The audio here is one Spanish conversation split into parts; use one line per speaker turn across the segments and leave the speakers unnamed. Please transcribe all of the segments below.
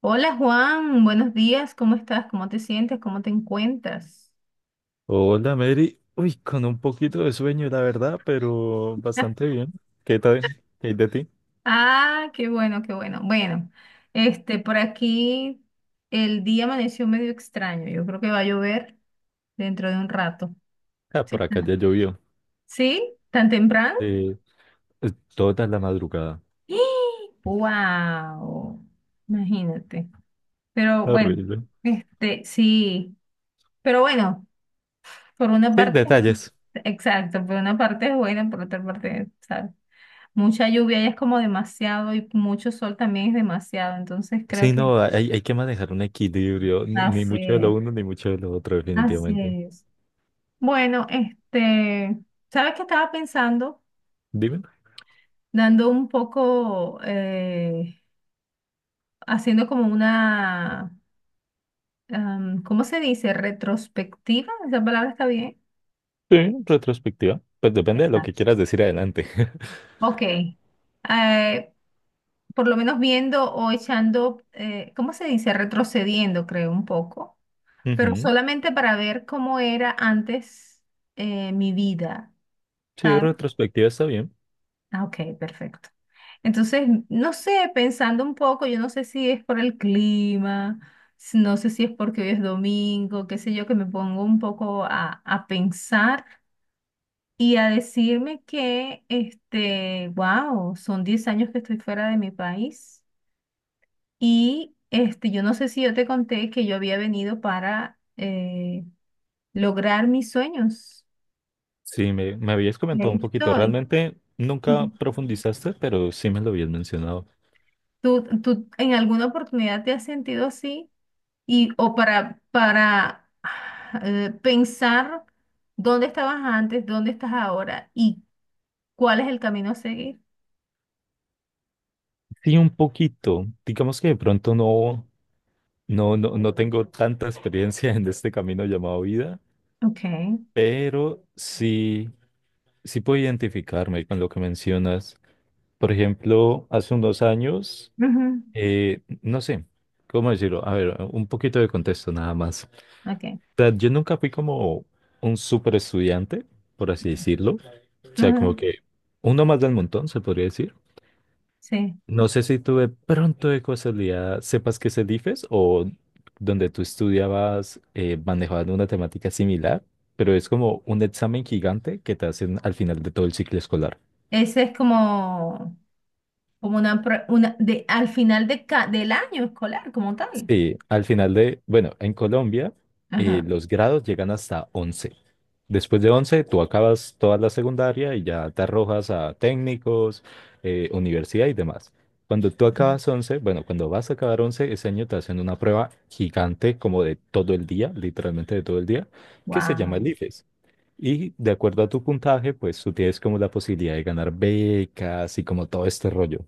Hola Juan, buenos días, ¿cómo estás? ¿Cómo te sientes? ¿Cómo te encuentras?
Hola, Mary. Uy, con un poquito de sueño, la verdad, pero bastante bien. ¿Qué tal? ¿Qué hay de ti?
Ah, qué bueno, qué bueno. Bueno, por aquí el día amaneció medio extraño. Yo creo que va a llover dentro de un rato.
Ah,
¿Sí?
por acá ya llovió.
¿Sí? ¿Tan temprano?
Eh, eh, toda la madrugada.
¡Wow! Imagínate. Pero bueno,
Horrible.
sí. Pero bueno, por una
Sí,
parte,
detalles.
exacto, por una parte es buena, por otra parte, ¿sabes? Mucha lluvia y es como demasiado y mucho sol también es demasiado, entonces creo
Sí,
que
no, hay que manejar un equilibrio. Ni
así
mucho de lo
es,
uno, ni mucho de lo otro,
así
definitivamente.
es. Bueno, ¿sabes qué estaba pensando?
Dime.
Dando un poco, haciendo como una, ¿cómo se dice? Retrospectiva, esa palabra está bien.
Sí, retrospectiva. Pues depende de lo que
Exacto.
quieras decir adelante.
Ok. Por lo menos viendo o echando, ¿cómo se dice? Retrocediendo, creo, un poco, pero
Ujú.
solamente para ver cómo era antes, mi vida,
Sí,
¿sabes?
retrospectiva está bien.
Ah, ok, perfecto. Entonces, no sé, pensando un poco, yo no sé si es por el clima, no sé si es porque hoy es domingo, qué sé yo, que me pongo un poco a pensar y a decirme que, wow, son 10 años que estoy fuera de mi país y, yo no sé si yo te conté que yo había venido para lograr mis sueños.
Sí, me habías
Y
comentado un
ahí
poquito.
estoy.
Realmente nunca
Ujú.
profundizaste, pero sí me lo habías mencionado.
¿Tú en alguna oportunidad te has sentido así? Y, o para pensar dónde estabas antes, dónde estás ahora y cuál es el camino a seguir.
Sí, un poquito. Digamos que de pronto no, no, no, no tengo tanta experiencia en este camino llamado vida,
Ok,
pero sí, sí puedo identificarme con lo que mencionas. Por ejemplo, hace unos años,
ujú,
no sé, ¿cómo decirlo? A ver, un poquito de contexto nada más. O
ok,
sea, yo nunca fui como un super estudiante, por así decirlo. O sea, como
ujú,
que uno más del montón, se podría decir.
sí.
No sé si tú de pronto de casualidad sepas qué es el IFES, o donde tú estudiabas manejaban una temática similar, pero es como un examen gigante que te hacen al final de todo el ciclo escolar.
Ese es como una, una de, al final de del año escolar como tal.
Sí, al final de, bueno, en Colombia
Ajá.
los grados llegan hasta 11. Después de 11, tú acabas toda la secundaria y ya te arrojas a técnicos, universidad y demás. Cuando tú acabas 11, bueno, cuando vas a acabar 11, ese año te hacen una prueba gigante como de todo el día, literalmente de todo el día, que se llama el
Wow.
IFES. Y de acuerdo a tu puntaje, pues tú tienes como la posibilidad de ganar becas y como todo este rollo.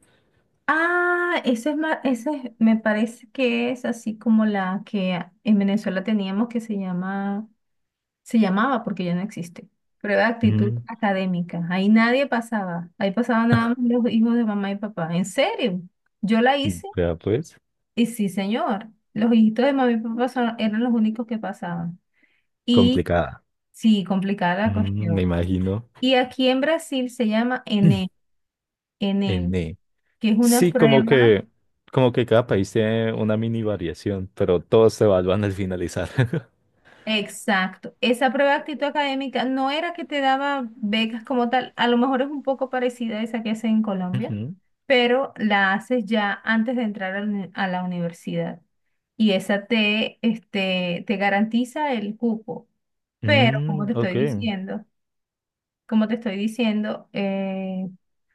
Ah, ese es más, me parece que es así como la que en Venezuela teníamos que se llama, se llamaba porque ya no existe. Prueba de actitud
Mm,
académica. Ahí nadie pasaba. Ahí pasaban nada más los hijos de mamá y papá. ¿En serio? Yo la hice
ya pues,
y sí, señor. Los hijitos de mamá y papá eran los únicos que pasaban. Y
complicada.
sí, complicada la
Mm, me
cuestión.
imagino.
Y aquí en Brasil se llama ENEM,
En
ENEM,
E.
que es una
Sí, como
prueba.
que, como que cada país tiene una mini variación, pero todos se evalúan al finalizar.
Exacto. Esa prueba de actitud académica no era que te daba becas como tal, a lo mejor es un poco parecida a esa que hacen en Colombia,
Ujú.
pero la haces ya antes de entrar a la a la universidad. Y esa te, te garantiza el cupo. Pero, como
Mm,
te estoy
ok.
diciendo, como te estoy diciendo,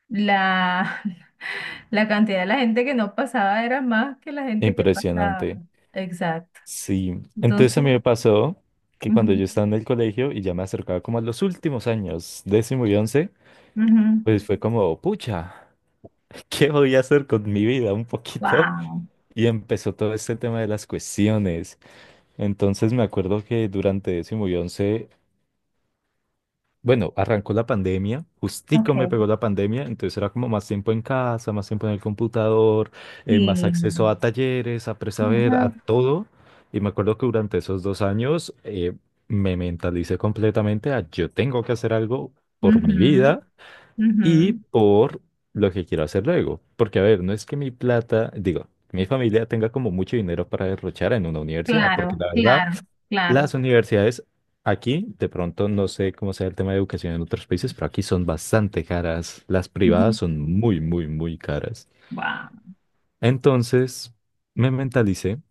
la, la cantidad de la gente que no pasaba era más que la gente que pasaba.
Impresionante.
Exacto.
Sí. Entonces a
Entonces,
mí me pasó que cuando
ujú,
yo estaba en el colegio y ya me acercaba como a los últimos años, décimo y 11,
ujú.
pues fue como, pucha, ¿qué voy a hacer con mi vida un poquito?
Wow.
Y empezó todo este tema de las cuestiones. Entonces me acuerdo que durante décimo y 11. Bueno, arrancó la pandemia, justico me
Ok,
pegó la pandemia, entonces era como más tiempo en casa, más tiempo en el computador, más acceso
sí.
a talleres, a presaber, a
Ajá.
todo. Y me acuerdo que durante esos 2 años me mentalicé completamente a yo tengo que hacer algo por mi
Ujú,
vida y
ujú.
por lo que quiero hacer luego. Porque, a ver, no es que mi plata, digo, mi familia tenga como mucho dinero para derrochar en una universidad, porque
Claro,
la verdad...
claro,
Las
claro.
universidades aquí, de pronto no sé cómo sea el tema de educación en otros países, pero aquí son bastante caras. Las
Ujú.
privadas son muy, muy, muy caras.
Wow.
Entonces, me mentalicé.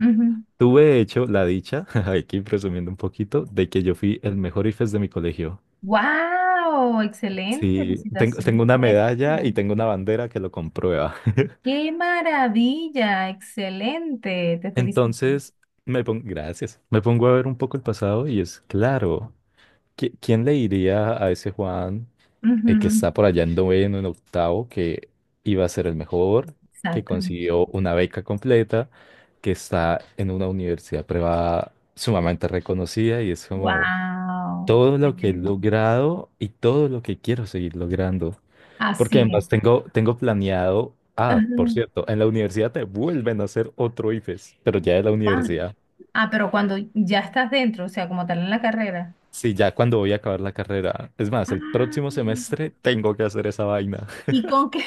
Ujú.
Tuve, de hecho, la dicha, aquí presumiendo un poquito, de que yo fui el mejor IFES de mi colegio.
Wow, excelente,
Sí, tengo
felicitaciones
una
por
medalla
eso.
y tengo una bandera que lo comprueba.
Qué maravilla, excelente, te felicito.
Entonces, me pongo, gracias, me pongo a ver un poco el pasado, y es claro, ¿quién le diría a ese Juan, el que
Ujú.
está por allá en noveno, en octavo, que iba a ser el mejor, que
Exactamente.
consiguió una beca completa, que está en una universidad privada sumamente reconocida? Y es como
Wow,
todo lo que he
excelente.
logrado y todo lo que quiero seguir logrando. Porque
Así es.
además tengo, tengo planeado, ah,
Ajá.
por cierto, en la universidad te vuelven a hacer otro IFES, pero ya de la
Ah,
universidad.
ah, pero cuando ya estás dentro, o sea, como tal en la carrera.
Sí, ya cuando voy a acabar la carrera. Es más, el
Ah,
próximo semestre tengo que hacer esa vaina.
¿y con qué?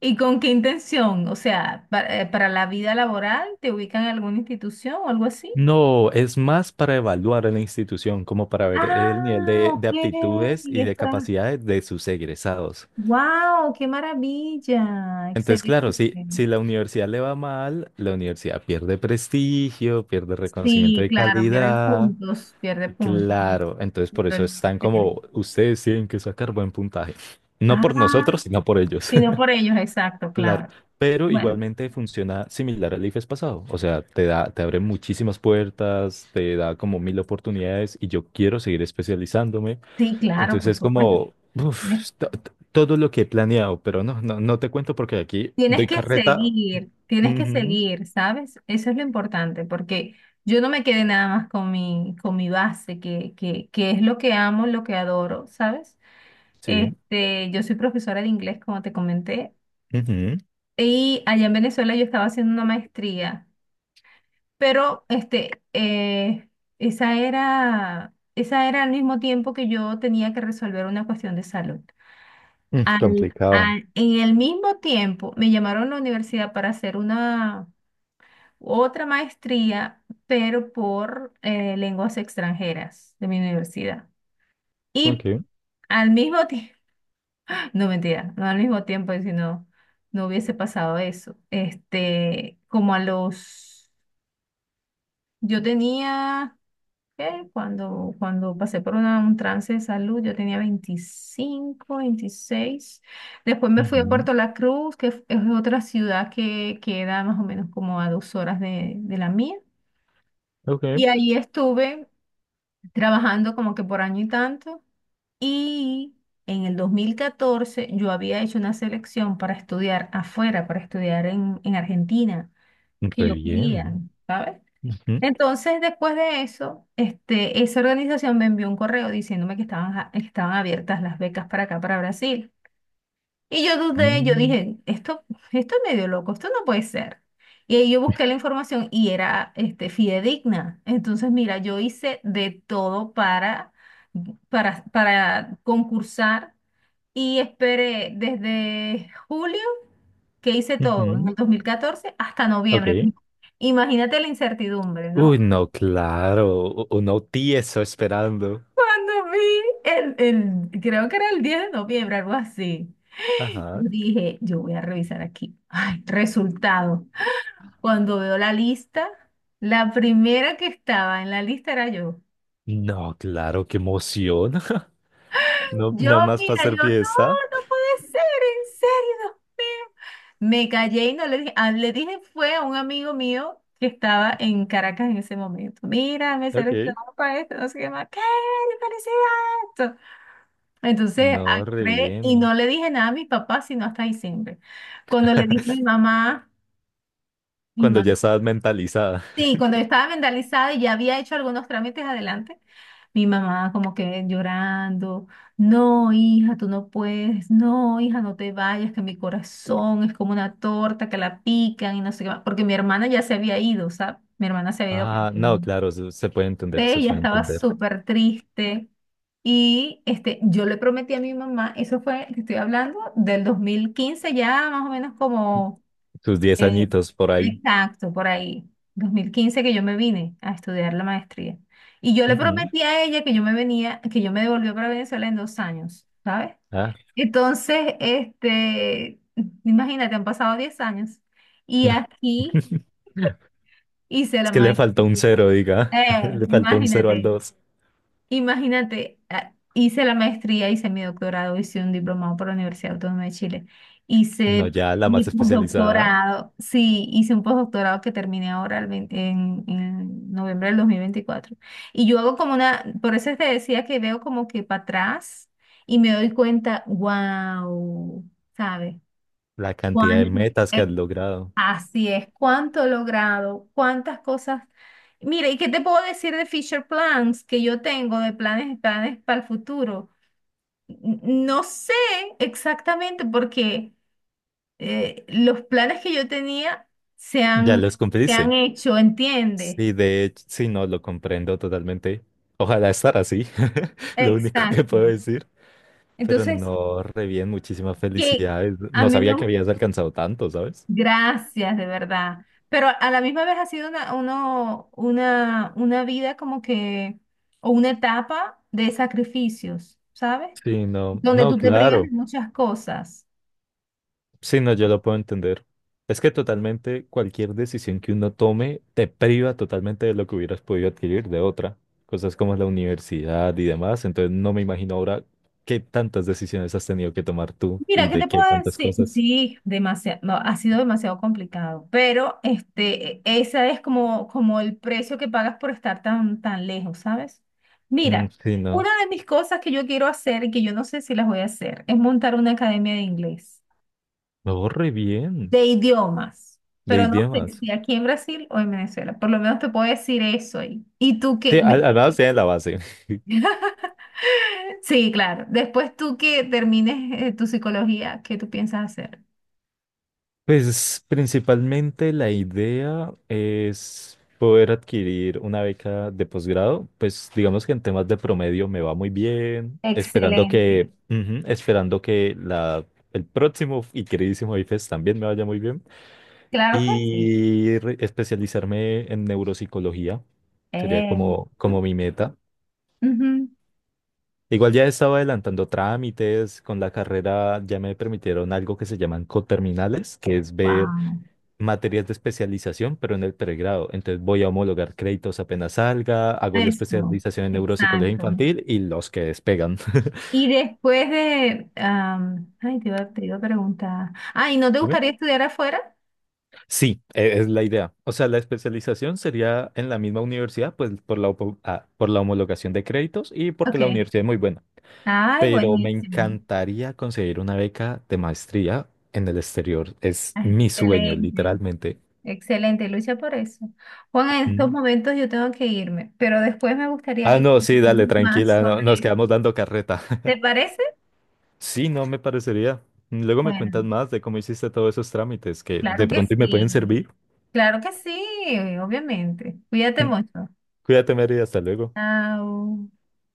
¿Y con qué intención? O sea, para, la vida laboral, ¿te ubican en alguna institución o algo así?
No, es más para evaluar a la institución, como para ver el nivel
Ah, ok.
de aptitudes y
Y es
de
para.
capacidades de sus egresados.
¡Wow! ¡Qué maravilla!
Entonces, claro,
Excelente.
si, si la universidad le va mal, la universidad pierde prestigio, pierde reconocimiento
Sí,
de
claro, pierde
calidad.
puntos, pierde puntos.
Claro, entonces por eso están
Realmente.
como, ustedes tienen que sacar buen puntaje. No por
Ah,
nosotros, sino por ellos.
sino por ellos, exacto,
Claro,
claro.
pero
Bueno,
igualmente funciona similar al IFES pasado, o sea, te da, te abre muchísimas puertas, te da como mil oportunidades y yo quiero seguir especializándome,
sí, claro,
entonces
por
es
supuesto.
como uf, todo lo que he planeado, pero no, no, no te cuento porque aquí doy carreta.
Tienes que
Ujú.
seguir, ¿sabes? Eso es lo importante, porque yo no me quedé nada más con mi base, que es lo que amo, lo que adoro, ¿sabes?
Sí,
Yo soy profesora de inglés, como te comenté,
ujú,
y allá en Venezuela yo estaba haciendo una maestría, pero esa era al mismo tiempo que yo tenía que resolver una cuestión de salud.
mm, complicado.
En el mismo tiempo me llamaron a la universidad para hacer una otra maestría, pero por lenguas extranjeras de mi universidad. Y
Ok,
al mismo tiempo, no mentira, no al mismo tiempo, si no, no hubiese pasado eso. Como a los, yo tenía, ¿qué? Cuando pasé por un trance de salud, yo tenía 25, 26. Después me fui a
ujú,
Puerto La Cruz, que es otra ciudad que queda más o menos como a 2 horas de la mía.
ok,
Y ahí estuve trabajando como que por año y tanto. Y en el 2014 yo había hecho una selección para estudiar afuera, para estudiar en Argentina, que
re
yo quería,
bien.
¿sabes?
Ujú,
Entonces, después de eso, esa organización me envió un correo diciéndome que estaban abiertas las becas para acá, para Brasil. Y yo dudé, yo
mm,
dije, esto es medio loco, esto no puede ser. Y ahí yo busqué la información y era, fidedigna. Entonces, mira, yo hice de todo para concursar y esperé desde julio, que hice todo en el
ujú,
2014 hasta noviembre.
ok.
Imagínate la incertidumbre,
Uy,
¿no?
no, claro, uno tieso esperando.
Cuando vi el, creo que era el 10 de noviembre, algo así.
Ajá.
Dije, yo voy a revisar aquí. Ay, resultado. Cuando veo la lista, la primera que estaba en la lista era yo.
No, claro, qué emoción. No,
Yo,
no más para
mira,
hacer
yo, no,
fiesta.
no puede ser, en serio, Dios mío. Me callé y no le dije, ah, le dije fue a un amigo mío que estaba en Caracas en ese momento. Mira, me
Ok.
seleccionaron para esto, no sé qué más. ¡Qué felicidad! Entonces,
No, re
agarré y
bien.
no le dije nada a mis papás, sino hasta diciembre. Cuando le dije a mi
Cuando ya
mamá,
estabas mentalizada.
sí, cuando yo estaba vendalizada y ya había hecho algunos trámites adelante. Mi mamá como que llorando, no, hija, tú no puedes, no, hija, no te vayas, que mi corazón es como una torta que la pican y no sé qué más, porque mi hermana ya se había ido, ¿sabes? Mi hermana se había ido para
Ah, no,
Colombia.
claro, se puede
Sí,
entender, se
ella
puede
estaba
entender.
súper triste y yo le prometí a mi mamá, eso fue, te estoy hablando, del 2015 ya más o menos como
Tus diez
eh,
añitos por ahí.
exacto, por ahí, 2015 que yo me vine a estudiar la maestría. Y yo le
Ujú.
prometí a ella que yo me venía, que yo me devolvía para Venezuela en 2 años, ¿sabes?
Ah,
Entonces, imagínate, han pasado 10 años y
no.
aquí hice
Es
la
que le faltó un
maestría.
cero, diga.
Eh,
Le faltó un cero al
imagínate,
dos.
Imagínate, hice la maestría, hice mi doctorado, hice un diplomado por la Universidad Autónoma de Chile,
No,
hice
ya la
mi
más especializada,
postdoctorado, sí, hice un postdoctorado que terminé ahora el 20 en noviembre del 2024. Y yo hago como una, por eso te decía que veo como que para atrás y me doy cuenta, wow, ¿sabes?
la cantidad de
¿Cuánto?
metas que has logrado.
Así es, cuánto he logrado, cuántas cosas. Mira, ¿y qué te puedo decir de Fisher Plans que yo tengo, de planes, planes para el futuro? N- No sé exactamente porque los planes que yo tenía se
Ya
han,
los
se han
cumpliste.
hecho, ¿entiendes?
Sí, de hecho, sí, no, lo comprendo totalmente. Ojalá estar así, lo único que
Exacto.
puedo decir. Pero
Entonces,
no, re bien, muchísimas
que
felicidades.
a
No
mí me.
sabía que habías alcanzado tanto, ¿sabes?
Gracias, de verdad. Pero a la misma vez ha sido una vida como que, o una etapa de sacrificios, ¿sabes?
Sí, no,
Donde
no,
tú te privas de
claro.
muchas cosas.
Sí, no, yo lo puedo entender. Es que totalmente cualquier decisión que uno tome te priva totalmente de lo que hubieras podido adquirir de otra. Cosas como la universidad y demás. Entonces no me imagino ahora qué tantas decisiones has tenido que tomar tú
Mira,
y
¿qué
de
te
qué
puedo
tantas
decir?
cosas.
Sí, demasiado, no, ha sido demasiado complicado, pero ese es como el precio que pagas por estar tan, tan lejos, ¿sabes?
Mm,
Mira,
sí, no.
una de mis cosas que yo quiero hacer y que yo no sé si las voy a hacer es montar una academia de inglés,
No, re bien,
de idiomas,
de
pero no sé
idiomas.
si aquí en Brasil o en Venezuela. Por lo menos te puedo decir eso ahí. Y tú
Sí,
que,
al menos tiene la base.
sí, claro. Después tú que termines tu psicología, ¿qué tú piensas hacer?
Pues principalmente la idea es poder adquirir una beca de posgrado. Pues digamos que en temas de promedio me va muy bien, esperando
Excelente.
que, ujú, esperando que la, el próximo y queridísimo IFES también me vaya muy bien.
Claro que sí.
Y especializarme en neuropsicología sería
Eh,
como, como mi meta.
Ujú.
Igual ya estaba adelantando trámites. Con la carrera ya me permitieron algo que se llaman coterminales, que es ver
Wow.
materias de especialización, pero en el pregrado. Entonces voy a homologar créditos apenas salga, hago la
Eso,
especialización en neuropsicología
exacto.
infantil y los que despegan.
Y después de, ay, te iba a preguntar. Ay, ¿no te
Dime.
gustaría estudiar afuera?
Sí, es la idea. O sea, la especialización sería en la misma universidad, pues por la, por la homologación de créditos y porque la
Ok.
universidad es muy buena.
Ay,
Pero me
buenísimo.
encantaría conseguir una beca de maestría en el exterior. Es mi sueño,
Excelente.
literalmente.
Excelente, lucha por eso. Juan, en estos
Mm.
momentos yo tengo que irme, pero después me gustaría
Ah,
que
no, sí, dale,
conversemos más
tranquila, no,
sobre
nos
esto.
quedamos dando carreta.
¿Te parece?
Sí, no me parecería. Luego me cuentas
Bueno,
más de cómo hiciste todos esos trámites que de
claro que
pronto me pueden
sí.
servir.
Claro que sí, obviamente. Cuídate
Mm.
mucho.
Cuídate, Mary, hasta luego.
Chao.